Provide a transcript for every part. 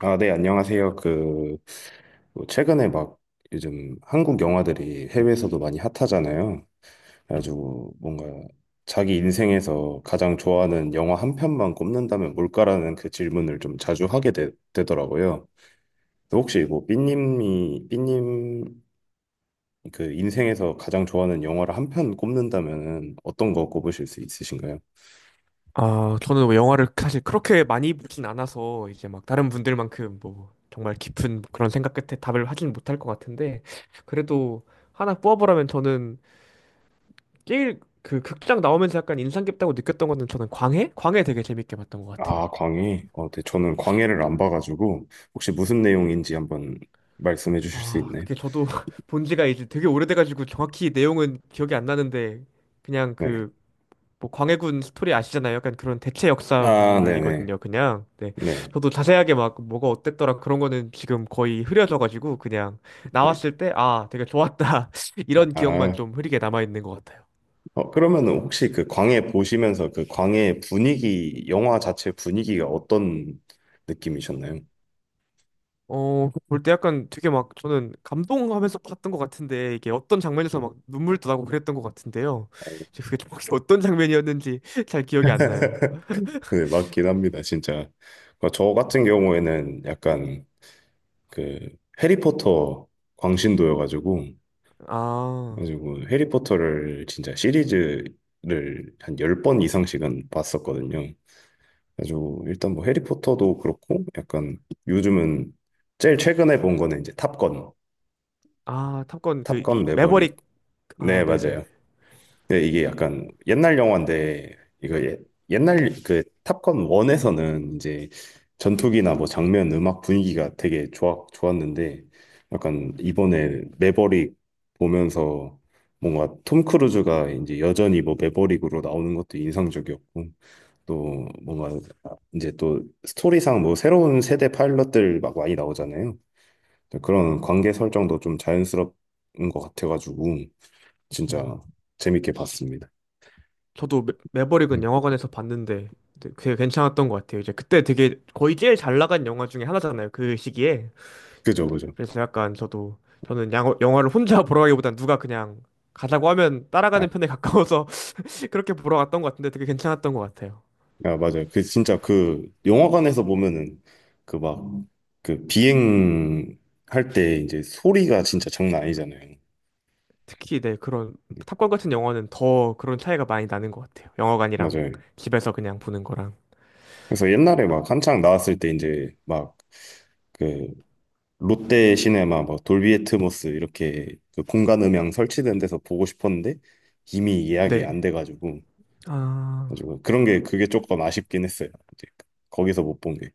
아, 네, 안녕하세요. 뭐 최근에 막 요즘 한국 영화들이 해외에서도 많이 핫하잖아요. 그래가지고 뭔가 자기 인생에서 가장 좋아하는 영화 한 편만 꼽는다면 뭘까라는 그 질문을 좀 자주 하게 더라고요. 혹시 뭐 삐님 그 인생에서 가장 좋아하는 영화를 한 편 꼽는다면 어떤 거 꼽으실 수 있으신가요? 아, 저는 뭐 영화를 사실 그렇게 많이 보진 않아서 이제 막 다른 분들만큼 뭐 정말 깊은 그런 생각 끝에 답을 하진 못할 것 같은데 그래도 하나 뽑아보라면 저는 제일 그 극장 나오면서 약간 인상 깊다고 느꼈던 거는 저는 광해? 광해 되게 재밌게 봤던 것 같아요. 아, 광해. 어, 네, 저는 광해를 안 봐가지고 혹시 무슨 내용인지 한번 말씀해 주실 수 아, 있나요? 그게 저도 본 지가 이제 되게 오래돼가지고 정확히 내용은 기억이 안 나는데 그냥 네. 뭐 광해군 스토리 아시잖아요. 약간 그런 대체 아, 네네. 역사물이거든요. 그냥 네. 네. 저도 자세하게 막 뭐가 어땠더라 그런 거는 지금 거의 흐려져가지고 그냥 네. 나왔을 때 아 되게 좋았다 이런 기억만 아, 좀 흐리게 남아 있는 것 같아요. 어, 그러면 혹시 그 광해 보시면서 그 광해 분위기, 영화 자체 분위기가 어떤 느낌이셨나요? 어, 볼 때 약간 되게 막 저는 감동하면서 봤던 것 같은데 이게 어떤 장면에서 막 눈물도 나고 그랬던 것 같은데요. 이제 그게 좀 혹시 어떤 장면이었는지 잘 기억이 안 나요. 네, 맞긴 합니다, 진짜. 그저 같은 경우에는 약간 그 해리포터 광신도여가지고, 아, 가지고 해리포터를 진짜 시리즈를 한 10번 이상씩은 봤었거든요. 그래가지고 일단 뭐 해리포터도 그렇고, 약간 요즘은 제일 최근에 본 거는 이제 탑건. 아, 탑건 그 탑건 매버릭. 매버릭. 네, 아, 네네. 맞아요. 네, 이게 약간 옛날 영화인데 이거 예- 옛날 그 탑건 1에서는 이제 전투기나 뭐 장면, 음악 분위기가 되게 좋았는데 약간 이번에 매버릭 보면서 뭔가 톰 크루즈가 이제 여전히 뭐 매버릭으로 나오는 것도 인상적이었고 또 뭔가 이제 또 스토리상 뭐 새로운 세대 파일럿들 막 많이 나오잖아요. 그런 관계 설정도 좀 자연스럽 인것 같아가지고 음. 진짜 재밌게 봤습니다. 저도 음. 매버릭은 영화관에서 봤는데 근데 되게 괜찮았던 것 같아요. 이제 그때 되게 거의 제일 잘 나간 영화 중에 하나잖아요. 그 시기에. 그죠, 그죠. 그래서 약간 저도 저는 양 영화를 혼자 보러 가기보단 누가 그냥 가자고 하면 아, 따라가는 편에 가까워서 그렇게 보러 갔던 것 같은데 되게 괜찮았던 것 같아요. 아, 맞아요. 그 진짜 그 영화관에서 보면은 그 막 비행 할 때 이제 소리가 진짜 장난 아니잖아요. 특히 네 그런 탑건 같은 영화는 더 그런 차이가 많이 나는 것 같아요. 영화관이랑 맞아요. 집에서 그냥 보는 거랑. 그래서 옛날에 막 한창 나왔을 때 이제 막 그 롯데 시네마 막 돌비 애트모스 이렇게 그 공간 음향 설치된 데서 보고 싶었는데 이미 예약이 안 네. 돼가지고 아. 가지고 그런 게 그게 조금 아쉽긴 했어요. 이제 거기서 못 본 게.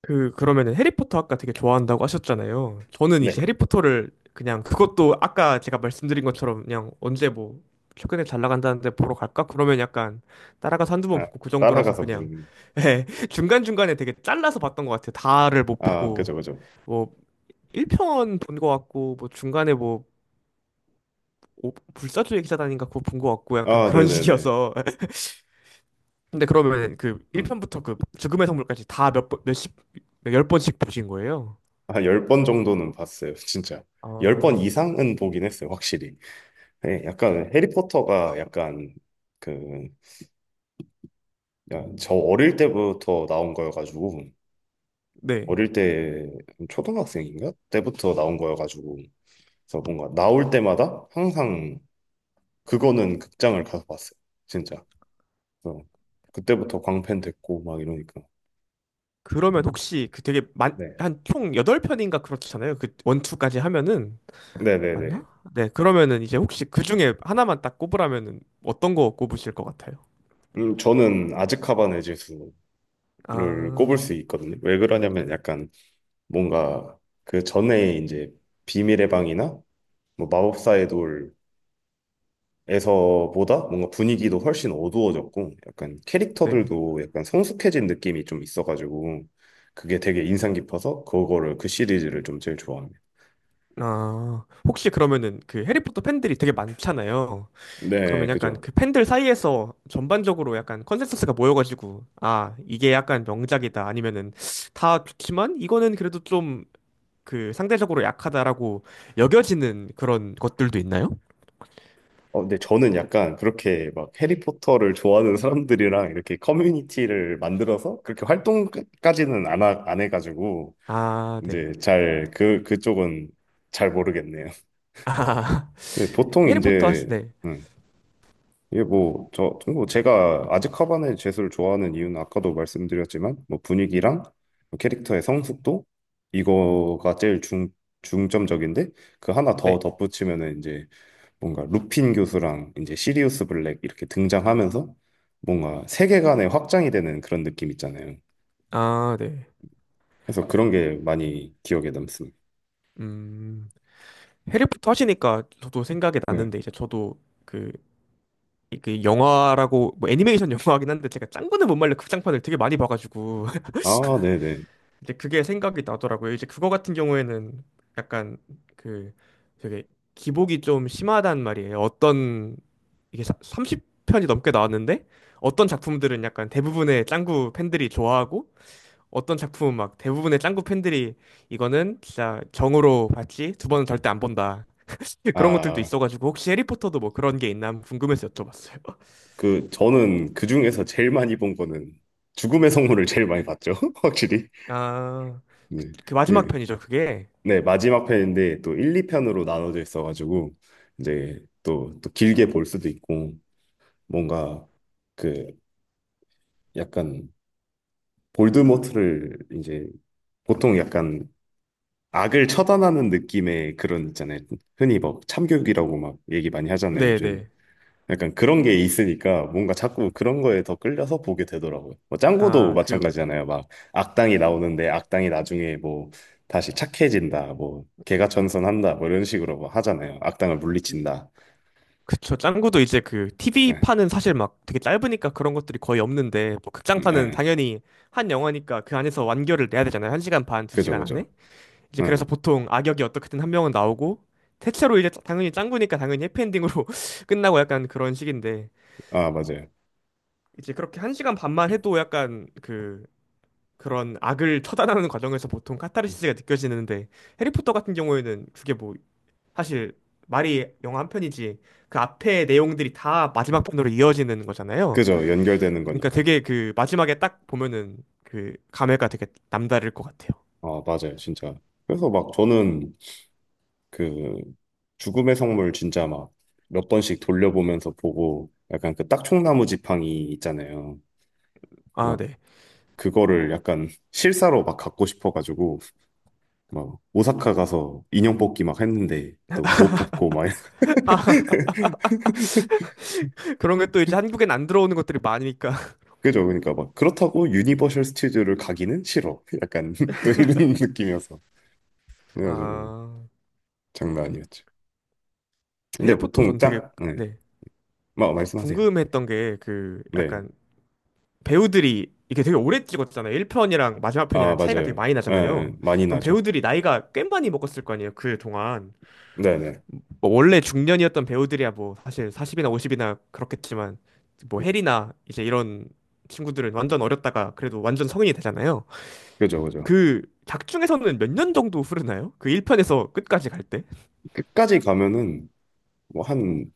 그러면은 해리포터 아까 되게 좋아한다고 하셨잖아요. 저는 네. 이제 해리포터를 그냥 그것도 아까 제가 말씀드린 것처럼 그냥 언제 뭐 최근에 잘 나간다는데 보러 갈까? 그러면 약간 따라가서 한두 번 아, 보고 그 정도라서 따라가서 그냥 보는. 예, 중간중간에 되게 잘라서 봤던 것 같아요. 다를 못 아, 그죠, 보고 그죠. 뭐 1편 본 것 같고 뭐 중간에 뭐 불사조의 기사단인가 그거 본 것 같고 약간 아, 그런 네네네. 식이어서 근데 그러면 그 음. 1편부터 그 죽음의 성물까지 다 몇 번, 몇십, 몇 열 번씩 보신 거예요? 한 열 번 정도는 봤어요, 진짜. 열 번 아 이상은 보긴 했어요, 확실히. 네, 약간 해리포터가 약간 그, 야, 저 어릴 때부터 나온 거여가지고, 네. 어릴 때, 초등학생인가? 때부터 나온 거여가지고, 그래서 뭔가 나올 때마다 항상 그거는 극장을 가서 봤어요, 진짜. 그래서 그때부터 광팬 됐고, 막 이러니까. 그러면 혹시 그 되게 만, 네. 한 총 8편인가 그렇잖아요. 그 원투까지 하면은 네네네. 맞나? 네. 그러면은 이제 혹시 그 중에 하나만 딱 꼽으라면은 어떤 거 꼽으실 것 같아요? 저는 아즈카반의 죄수 를 꼽을 아, 수 있거든요. 왜 그러냐면 약간 뭔가 그 전에 이제 비밀의 방이나 뭐 마법사의 돌에서보다 뭔가 분위기도 훨씬 어두워졌고 약간 네. 캐릭터들도 약간 성숙해진 느낌이 좀 있어가지고 그게 되게 인상 깊어서 그거를 그 시리즈를 좀 제일 좋아합니다. 아, 혹시 그러면은 그 해리포터 팬들이 되게 많잖아요. 네, 그러면 약간 그죠. 그 팬들 사이에서 전반적으로 약간 컨센서스가 모여가지고, 아, 이게 약간 명작이다. 아니면은 다 좋지만 이거는 그래도 좀 그 상대적으로 약하다라고 여겨지는 그런 것들도 있나요? 어, 근데 저는 약간 그렇게 막 해리포터를 좋아하는 사람들이랑 이렇게 커뮤니티를 만들어서 그렇게 활동까지는 안 해가지고 아, 네. 이제 잘, 그, 그쪽은 잘 모르겠네요. 아, 네, 보통 해리포터 하시, 이제, 네. 음, 이게 뭐, 저, 뭐 제가 아즈카반의 죄수를 좋아하는 이유는 아까도 말씀드렸지만, 뭐 분위기랑 캐릭터의 성숙도, 이거가 제일 중점적인데, 그 하나 더 네. 덧붙이면은 이제 뭔가 루핀 교수랑 이제 시리우스 블랙 이렇게 등장하면서 뭔가 세계관의 확장이 되는 그런 느낌 있잖아요. 아, 네. 그래서 그런 게 많이 기억에 남습니다. 음, 해리포터 하시니까 저도 생각이 네. 났는데, 이제 저도 그, 그 영화라고, 뭐 애니메이션 영화긴 한데, 제가 짱구는 못 말려 극장판을 되게 많이 봐가지고, 아, 네네. 이제 그게 생각이 나더라고요. 이제 그거 같은 경우에는 약간 그 되게 기복이 좀 심하단 말이에요. 어떤, 이게 30편이 넘게 나왔는데, 어떤 작품들은 약간 대부분의 짱구 팬들이 좋아하고, 어떤 작품 막 대부분의 짱구 팬들이 이거는 진짜 정으로 봤지 두 번은 절대 안 본다. 그런 것들도 아, 있어가지고 혹시 해리포터도 뭐 그런 게 있나 궁금해서 여쭤봤어요. 그 저는 그 중에서 제일 많이 본 거는 죽음의 성물을 제일 많이 봤죠. 확실히. 아, 네. 그 마지막 예. 편이죠, 그게. 네, 마지막 편인데 또 1, 2편으로 나눠져 있어 가지고 이제 또 길게 볼 수도 있고 뭔가 그 약간 볼드모트를 이제 보통 약간 악을 처단하는 느낌의 그런 있잖아요. 흔히 막 참교육이라고 막 얘기 많이 하잖아요, 요즘. 네네. 약간 그런 게 있으니까 뭔가 자꾸 그런 거에 더 끌려서 보게 되더라고요. 뭐 짱구도 아, 그, 마찬가지잖아요. 막 악당이 나오는데 악당이 나중에 뭐 다시 착해진다, 뭐 개가 전선한다, 뭐 이런 식으로 뭐 하잖아요. 악당을 물리친다. 그쵸. 짱구도 이제 그 네, TV판은 사실 막 되게 짧으니까 그런 것들이 거의 없는데, 뭐 극장판은 네, 당연히 한 영화니까 그 안에서 완결을 내야 되잖아요. 한 시간 반, 두 그죠, 시간 그죠. 안에. 이제 그래서 네, 보통 악역이 어떻게든 한 명은 나오고 대체로 이제 당연히 짱구니까 당연히 해피엔딩으로 끝나고 약간 그런 식인데 아, 맞아요. 이제 그렇게 한 시간 반만 해도 약간 그 그런 악을 처단하는 과정에서 보통 카타르시스가 느껴지는데 해리포터 같은 경우에는 그게 뭐 사실 말이 영화 한 편이지 그 앞에 내용들이 다 마지막 편으로 이어지는 거잖아요. 그죠, 연결되는 그러니까 거니까. 되게 그 마지막에 딱 보면은 그 감회가 되게 남다를 것 같아요. 아, 맞아요, 진짜. 그래서 막 저는 그 죽음의 성물 진짜 막 몇 번씩 돌려보면서 보고 약간 그 딱총나무 지팡이 있잖아요. 아, 막 네. 그거를 약간 실사로 막 갖고 싶어가지고 막 오사카 가서 인형 뽑기 막 했는데 또 못 뽑고 막 아, 그런 게 또 이제 한국엔 안 들어오는 것들이 많으니까 그죠? 그러니까 막 그렇다고 유니버셜 스튜디오를 가기는 싫어. 약간 또 이런 느낌이어서 그래가지고 아, 장난 아니었죠. 근데 해리포터 보통 전 되게 짠, 네, 네, 막 말씀하세요. 궁금했던 게 그 네, 약간 배우들이 이게 되게 오래 찍었잖아요. 1편이랑 마지막 아 편이랑 차이가 되게 맞아요. 많이 예, 예, 나잖아요. 많이 그럼 나죠. 배우들이 나이가 꽤 많이 먹었을 거 아니에요, 그 동안. 네네, 뭐 원래 중년이었던 배우들이야 뭐 사실 40이나 50이나 그렇겠지만 뭐 해리나 이제 이런 친구들은 완전 어렸다가 그래도 완전 성인이 되잖아요. 그죠, 그죠. 그 작중에서는 몇 년 정도 흐르나요? 그 1편에서 끝까지 갈 때? 끝까지 가면은 뭐 한,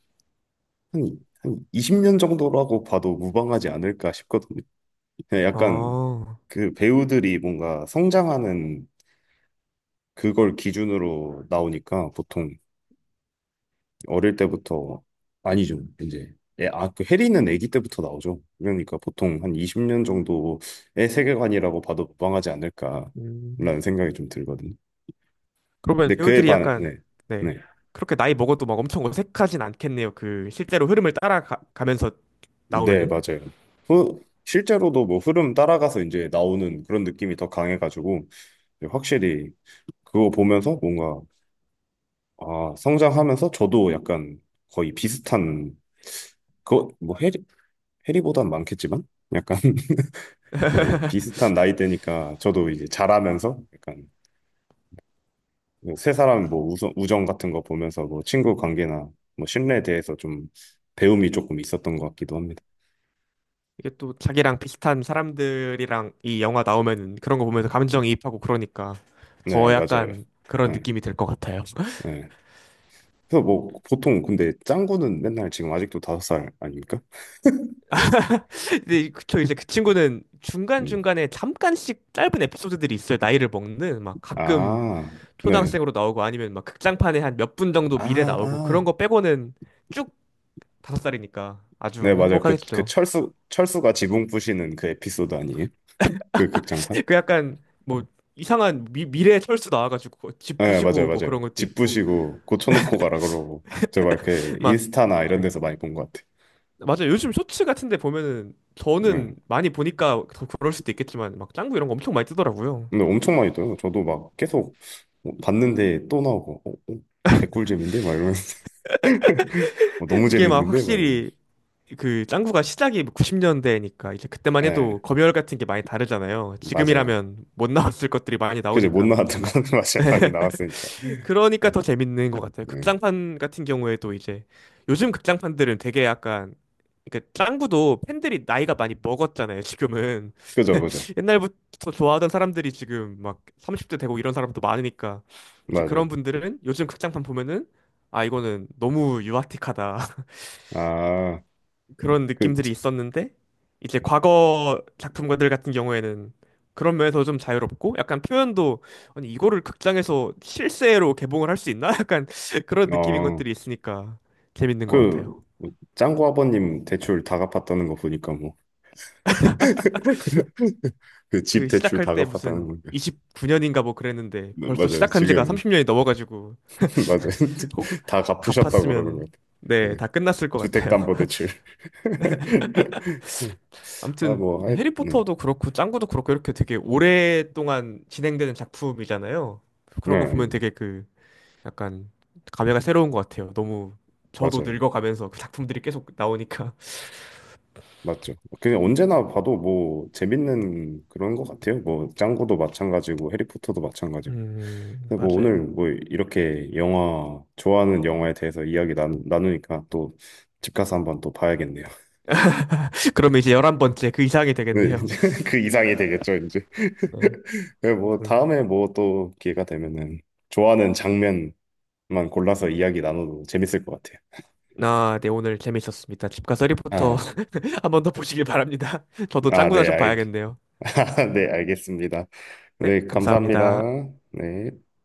한, 한 20년 정도라고 봐도 무방하지 않을까 싶거든요. 예, 약간 아, 그 배우들이 뭔가 성장하는 그걸 기준으로 나오니까 보통 어릴 때부터 아니죠. 이제 예, 아, 그 해리는 아기 때부터 나오죠. 그러니까 보통 한 20년 정도의 세계관이라고 봐도 무방하지 음. 않을까라는 생각이 좀 들거든요. 그러면 근데 그에 배우들이 반, 약간 네, 네 네, 그렇게 나이 먹어도 막 엄청 어색하진 않겠네요. 그 실제로 흐름을 따라가면서 네, 나오면은 맞아요. 후, 실제로도 뭐 흐름 따라가서 이제 나오는 그런 느낌이 더 강해가지고 확실히 그거 보면서 뭔가 아, 성장하면서 저도 약간 거의 비슷한, 그, 뭐, 해리, 해리보단 많겠지만? 약간, 이제 비슷한 나이대니까 저도 이제 자라면서 약간 세 사람 뭐 우정 같은 거 보면서 뭐 친구 관계나 뭐 신뢰에 대해서 좀 배움이 조금 있었던 것 같기도 합니다. 이게 또 자기랑 비슷한 사람들이랑 이 영화 나오면은 그런 거 보면서 감정이입하고 그러니까 네, 더 맞아요. 약간 그런 네, 느낌이 들 것 같아요. 네. 그래서 뭐 보통 근데 짱구는 맨날 지금 아직도 다섯 살 아닙니까? 근데 그쵸 이제 그 친구는 중간 음. 중간에 잠깐씩 짧은 에피소드들이 있어요. 나이를 먹는 막 가끔 아, 네. 초등학생으로 나오고 아니면 막 극장판에 한 몇 분 정도 미래 아, 나오고 그런 아. 거 빼고는. 쭉 다섯 살이니까 네, 아주 맞아요. 그, 그 행복하겠죠. 철수, 철수가 지붕 부시는 그 에피소드 아니에요? 그 극장판? 그 약간 뭐 이상한 미래 철수 나와가지고 뭐 집 네, 맞아요, 부시고 뭐 그런 맞아요. 것도 집 있고 부시고 고쳐놓고 가라 그러고. 제가 이렇게 막 인스타나 이런 네. 데서 많이 본 것 같아요. 맞아요. 요즘 쇼츠 같은데 보면은 저는 네. 많이 보니까 더 그럴 수도 있겠지만 막 짱구 이런 거 엄청 많이 뜨더라고요. 근데 엄청 많이 떠요. 저도 막 계속 어, 봤는데 또 나오고, 어, 어, 개꿀잼인데? 막 이러면서. 어, 너무 이게 막 재밌는데? 막 이러면서. 확실히 그 짱구가 시작이 90년대니까 이제 그때만 네, 해도 검열 같은 게 많이 다르잖아요. 맞아요. 지금이라면 못 나왔을 것들이 많이 그죠? 못 나오니까. 나왔던 거는 맞아요. 많이 나왔으니까. 그러니까 음, 더 재밌는 것 같아요. 네. 극장판 같은 경우에도 이제 요즘 극장판들은 되게 약간 그러니까 짱구도 팬들이 나이가 많이 먹었잖아요, 지금은. 그죠, 그죠. 옛날부터 좋아하던 사람들이 지금 막 30대 되고 이런 사람도 많으니까 이제 맞아요. 그런 분들은 요즘 극장판 보면은 아 이거는 너무 유아틱하다 아, 그런 그, 느낌들이 있었는데 이제 과거 작품들 같은 경우에는 그런 면에서 좀 자유롭고 약간 표현도 아니 이거를 극장에서 실제로 개봉을 할 수 있나? 약간 그런 느낌인 어, 것들이 있으니까 재밌는 것 그, 같아요. 짱구 아버님 대출 다 갚았다는 거 보니까 뭐 그 집 그 대출 시작할 다 때 갚았다는 무슨 건데. 29년인가 뭐 그랬는데 네, 벌써 맞아요. 시작한 지가 지금 30년이 넘어가지고 맞아요. 혹 다 갚으셨다고 그러는 갚았으면 것 같아요. 네, 네. 다 끝났을 것 같아요. 주택담보대출. 아, 아무튼 뭐, 네, 하여, 네. 해리포터도 그렇고 짱구도 그렇고 이렇게 되게 오랫동안 진행되는 작품이잖아요. 그런 거 네, 네, 보면 되게 그 약간 감회가 새로운 것 같아요. 너무 저도 맞아요. 늙어가면서 그 작품들이 계속 나오니까. 맞죠. 그냥 언제나 봐도 뭐 재밌는 그런 것 같아요. 뭐 짱구도 마찬가지고 해리포터도 마찬가지고. 근데 뭐 오늘 맞아요. 뭐 이렇게 영화 좋아하는 영화에 대해서 이야기 나누니까 또 집 가서 한번 또 봐야겠네요. 그러면 이제 11번째 그 이상이 네, 되겠네요. 이제 그 이상이 되겠죠 이제. 네. 네, 뭐 아무튼 다음에 뭐 또 기회가 되면은 좋아하는 장면만 골라서 이야기 나눠도 재밌을 것 같아요. 아, 네, 오늘 재밌었습니다. 집 가서 해리포터 아, 한 번 더 보시길 바랍니다. 저도 아, 짱구나 네, 좀 알, 봐야겠네요. 아, 네, 알겠습니다. 네, 네, 감사합니다. 감사합니다. 네.